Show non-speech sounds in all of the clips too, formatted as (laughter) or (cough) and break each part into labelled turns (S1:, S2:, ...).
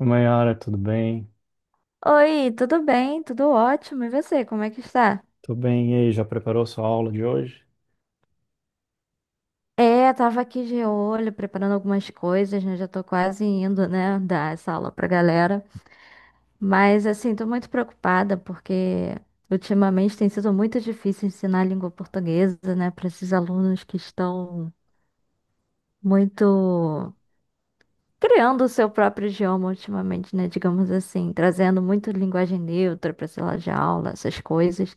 S1: Maiara, tudo bem?
S2: Oi, tudo bem? Tudo ótimo. E você, como é que está?
S1: Tudo bem. E aí, já preparou sua aula de hoje?
S2: Tava aqui de olho, preparando algumas coisas, né? Já tô quase indo, né, dar essa aula pra galera. Mas, assim, tô muito preocupada porque ultimamente tem sido muito difícil ensinar a língua portuguesa, né, para esses alunos que estão muito criando o seu próprio idioma ultimamente, né, digamos assim, trazendo muito linguagem neutra para sala de aula, essas coisas.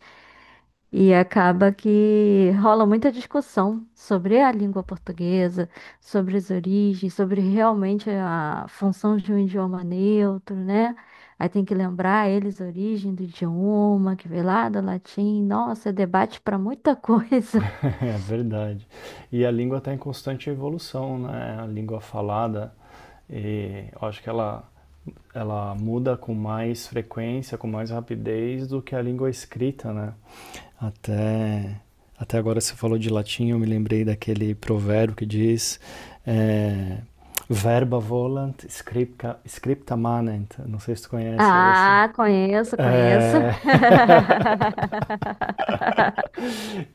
S2: E acaba que rola muita discussão sobre a língua portuguesa, sobre as origens, sobre realmente a função de um idioma neutro, né? Aí tem que lembrar eles a origem do idioma, que veio lá do latim. Nossa, é debate para muita coisa. (laughs)
S1: (laughs) É verdade. E a língua está em constante evolução, né? A língua falada, e eu acho que ela muda com mais frequência, com mais rapidez do que a língua escrita, né? Até, até agora você falou de latim, eu me lembrei daquele provérbio que diz é, verba volant, scripta, scripta manent. Não sei se tu conhece esse.
S2: Ah, conheço, conheço.
S1: É... (laughs)
S2: (laughs)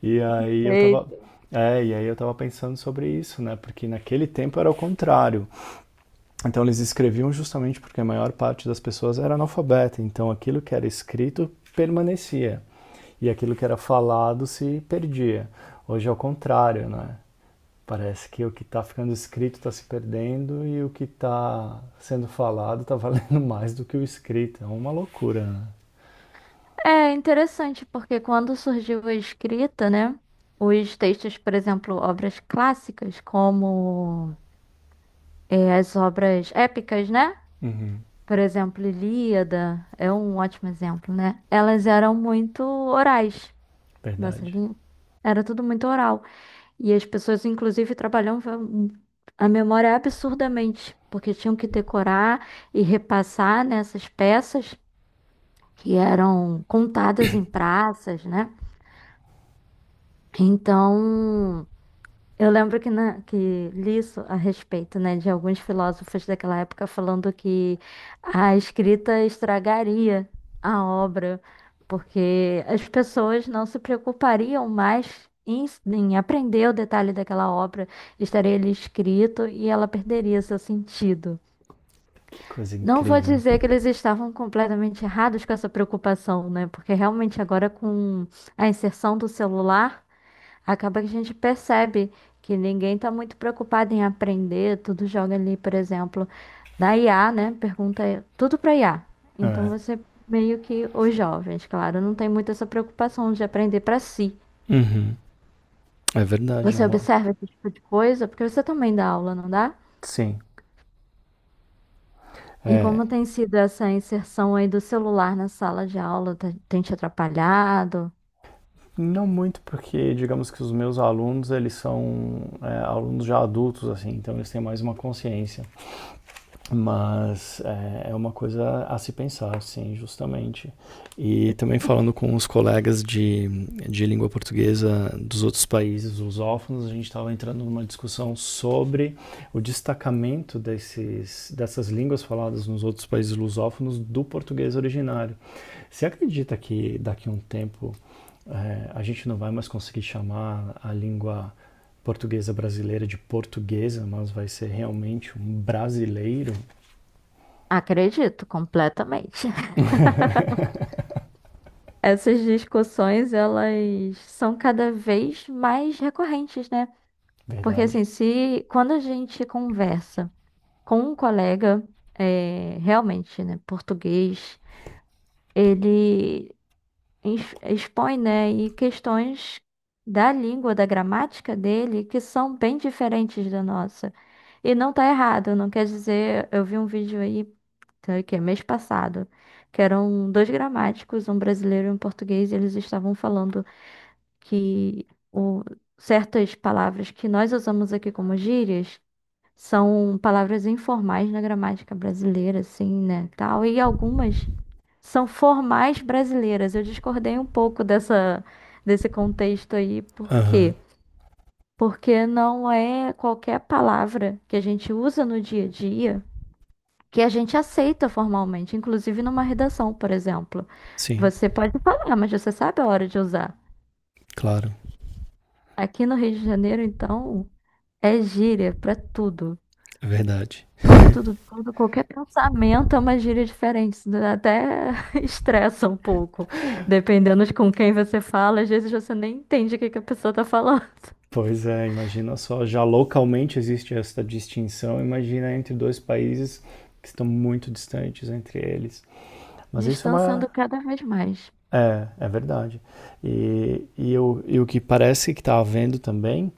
S1: E aí eu tava.
S2: Eita.
S1: É, e aí eu tava pensando sobre isso, né? Porque naquele tempo era o contrário. Então eles escreviam justamente porque a maior parte das pessoas era analfabeta. Então aquilo que era escrito permanecia. E aquilo que era falado se perdia. Hoje é o contrário, né? Parece que o que está ficando escrito está se perdendo e o que está sendo falado está (laughs) valendo mais do que o escrito. É uma loucura, né?
S2: É interessante, porque quando surgiu a escrita, né? Os textos, por exemplo, obras clássicas, como as obras épicas, né?
S1: Uhum.
S2: Por exemplo, Ilíada é um ótimo exemplo, né? Elas eram muito orais nessa
S1: Verdade.
S2: linha. Era tudo muito oral. E as pessoas, inclusive, trabalhavam a memória é absurdamente, porque tinham que decorar e repassar nessas peças que eram contadas em praças, né? Então, eu lembro que, na, que li isso a respeito, né, de alguns filósofos daquela época falando que a escrita estragaria a obra, porque as pessoas não se preocupariam mais em aprender o detalhe daquela obra, estaria ali escrito e ela perderia seu sentido.
S1: Que coisa
S2: Não vou
S1: incrível.
S2: dizer que eles estavam completamente errados com essa preocupação, né? Porque realmente agora com a inserção do celular acaba que a gente percebe que ninguém está muito preocupado em aprender, tudo joga ali, por exemplo, na IA, né? Pergunta tudo para IA. Então
S1: É.
S2: você meio que os jovens, claro, não tem muito essa preocupação de aprender para si.
S1: Uhum. É verdade, é
S2: Você
S1: uma...
S2: observa esse tipo de coisa, porque você também dá aula, não dá?
S1: Sim.
S2: E
S1: É,
S2: como tem sido essa inserção aí do celular na sala de aula? Tem te atrapalhado?
S1: não muito porque, digamos que os meus alunos, eles são alunos já adultos, assim, então eles têm mais uma consciência. Mas é, é uma coisa a se pensar, sim, justamente. E também falando com os colegas de língua portuguesa dos outros países lusófonos, a gente estava entrando numa discussão sobre o destacamento desses, dessas línguas faladas nos outros países lusófonos do português originário. Você acredita que daqui a um tempo a gente não vai mais conseguir chamar a língua portuguesa brasileira de portuguesa, mas vai ser realmente um brasileiro.
S2: Acredito, completamente. Essas discussões, elas são cada vez mais recorrentes, né? Porque
S1: Verdade.
S2: assim, se quando a gente conversa com um colega, realmente, né, português, ele expõe, né, e questões da língua, da gramática dele, que são bem diferentes da nossa. E não tá errado, não quer dizer, eu vi um vídeo aí, tá, que é mês passado, que eram dois gramáticos, um brasileiro e um português, e eles estavam falando que certas palavras que nós usamos aqui como gírias são palavras informais na gramática brasileira, assim, né, tal, e algumas são formais brasileiras. Eu discordei um pouco dessa desse contexto aí, por quê?
S1: Aham,
S2: Porque não é qualquer palavra que a gente usa no dia a dia que a gente aceita formalmente, inclusive numa redação, por exemplo.
S1: sim,
S2: Você pode falar, mas você sabe a hora de usar.
S1: claro,
S2: Aqui no Rio de Janeiro, então, é gíria pra tudo.
S1: é verdade.
S2: Tudo, tudo, tudo. Qualquer pensamento é uma gíria diferente. Isso até (laughs) estressa um pouco. Dependendo de com quem você fala, às vezes você nem entende o que que a pessoa tá falando.
S1: Pois é, imagina só, já localmente existe essa distinção, imagina entre dois países que estão muito distantes entre eles. Mas isso é
S2: Distanciando
S1: uma.
S2: cada vez mais.
S1: É, é verdade. E o que parece que está havendo também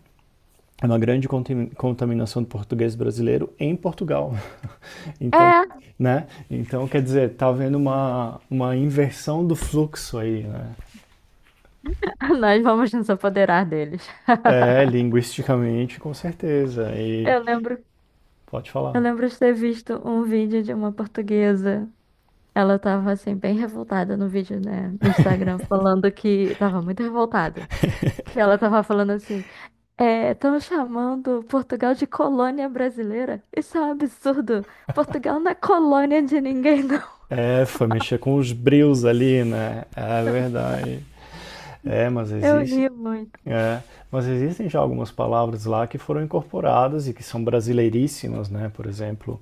S1: é uma grande contaminação do português brasileiro em Portugal. (laughs) Então,
S2: É,
S1: né? Então, quer dizer, está havendo uma inversão do fluxo aí, né?
S2: (laughs) nós vamos nos apoderar deles.
S1: É, linguisticamente, com certeza. E
S2: Eu lembro,
S1: pode
S2: eu
S1: falar.
S2: lembro de ter visto um vídeo de uma portuguesa. Ela tava assim, bem revoltada no vídeo, né, no Instagram, falando que tava muito revoltada. Que ela tava falando assim. Estão chamando Portugal de colônia brasileira. Isso é um absurdo. Portugal não é colônia de ninguém, (laughs) não.
S1: É, foi mexer com os brios ali, né? É verdade. É, mas
S2: Eu
S1: existe.
S2: ri muito.
S1: É, mas existem já algumas palavras lá que foram incorporadas e que são brasileiríssimas, né? Por exemplo,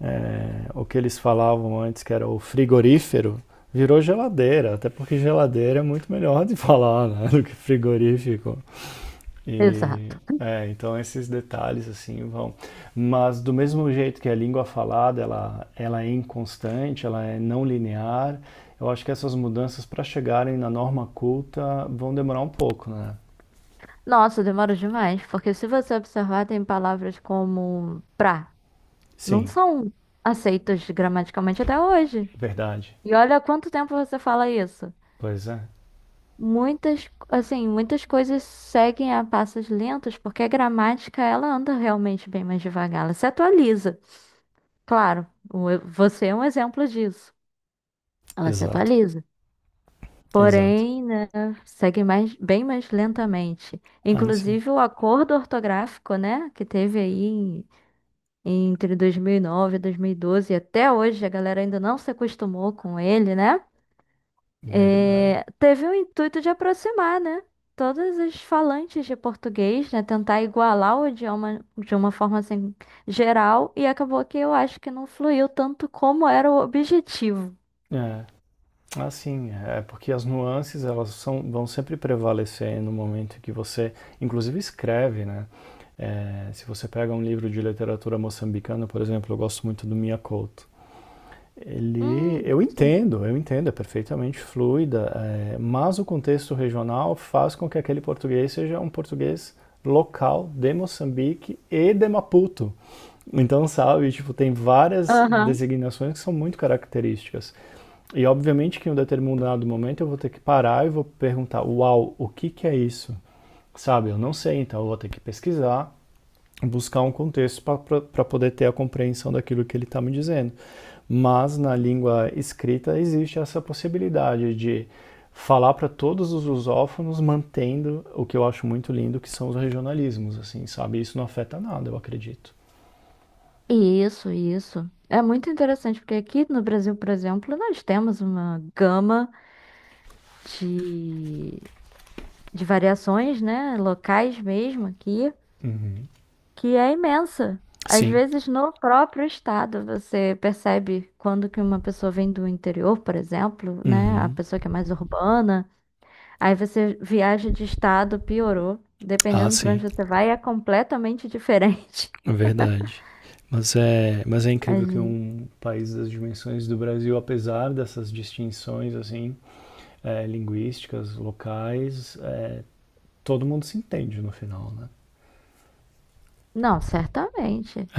S1: o que eles falavam antes que era o frigorífero virou geladeira, até porque geladeira é muito melhor de (laughs) falar, né, do que frigorífico. E
S2: Exato.
S1: é, então esses detalhes assim vão. Mas do mesmo jeito que a língua falada, ela é inconstante, ela é não linear, eu acho que essas mudanças para chegarem na norma culta vão demorar um pouco, né?
S2: Nossa, demora demais, porque se você observar, tem palavras como pra. Não
S1: Sim,
S2: são aceitas gramaticalmente até hoje.
S1: verdade.
S2: E olha há quanto tempo você fala isso.
S1: Pois é.
S2: Muitas, assim, muitas coisas seguem a passos lentos, porque a gramática, ela anda realmente bem mais devagar, ela se atualiza. Claro, você é um exemplo disso. Ela se
S1: Exato,
S2: atualiza.
S1: exato.
S2: Porém, né, segue mais, bem mais lentamente.
S1: Ah, sim.
S2: Inclusive, o acordo ortográfico, né, que teve aí entre 2009 e 2012, e dois mil e doze, e até hoje a galera ainda não se acostumou com ele, né?
S1: Verdade.
S2: Teve o intuito de aproximar, né? Todos os falantes de português, né? Tentar igualar o idioma de uma forma assim geral, e acabou que eu acho que não fluiu tanto como era o objetivo.
S1: É, Ah, sim, é porque as nuances elas são, vão sempre prevalecer no momento que você, inclusive, escreve, né? É, se você pega um livro de literatura moçambicana, por exemplo, eu gosto muito do Mia Couto. Ele, eu
S2: Sim.
S1: entendo, eu entendo, é perfeitamente fluida, é, mas o contexto regional faz com que aquele português seja um português local de Moçambique e de Maputo. Então, sabe, tipo, tem várias
S2: Aham.
S1: designações que são muito características. E obviamente que em um determinado momento eu vou ter que parar e vou perguntar, uau, o que, que é isso? Sabe, eu não sei, então eu vou ter que pesquisar, buscar um contexto para poder ter a compreensão daquilo que ele está me dizendo. Mas na língua escrita existe essa possibilidade de falar para todos os lusófonos, mantendo o que eu acho muito lindo, que são os regionalismos, assim, sabe? Isso não afeta nada, eu acredito.
S2: Isso, isso. É muito interessante, porque aqui no Brasil, por exemplo, nós temos uma gama de, de variações, né, locais mesmo aqui, que é imensa. Às
S1: Sim.
S2: vezes, no próprio estado, você percebe quando que uma pessoa vem do interior, por exemplo, né, a
S1: Uhum.
S2: pessoa que é mais urbana, aí você viaja de estado, piorou.
S1: Ah,
S2: Dependendo para onde
S1: sim.
S2: você vai, é completamente diferente.
S1: É verdade. Mas é
S2: (laughs) A
S1: incrível que
S2: gente-
S1: um país das dimensões do Brasil, apesar dessas distinções assim, linguísticas, locais, é, todo mundo se entende no final, né?
S2: não, certamente.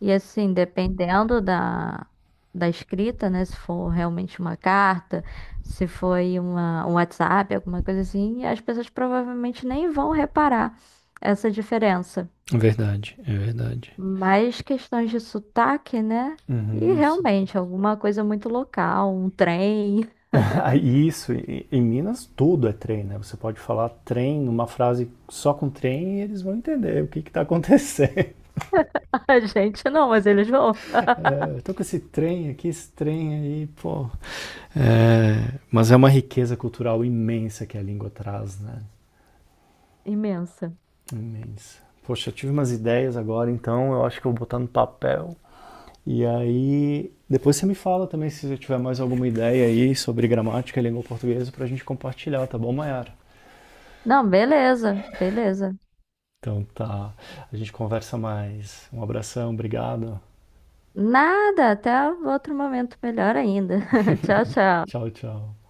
S2: E assim, dependendo da escrita, né? Se for realmente uma carta, se foi uma, um WhatsApp, alguma coisa assim, as pessoas provavelmente nem vão reparar essa diferença.
S1: É verdade, é verdade.
S2: Mas questões de sotaque, né? E
S1: Uhum, isso. (laughs)
S2: realmente, alguma coisa muito local, um trem.
S1: Ah, isso, em Minas tudo é trem, né? Você pode falar trem, uma frase só com trem e eles vão entender o que que tá acontecendo. (laughs)
S2: (laughs) A gente não, mas eles vão.
S1: É, eu tô com esse trem aqui, esse trem aí, pô, é, mas é uma riqueza cultural imensa que a língua traz, né?
S2: (laughs) Imensa.
S1: Imensa. Poxa, eu tive umas ideias agora, então eu acho que eu vou botar no papel. E aí, depois você me fala também se você tiver mais alguma ideia aí sobre gramática e língua portuguesa pra gente compartilhar, tá bom, Mayara?
S2: Não, beleza, beleza.
S1: Então tá, a gente conversa mais. Um abração, obrigado.
S2: Nada, até outro momento melhor ainda. (laughs) Tchau, tchau.
S1: Tchau, tchau.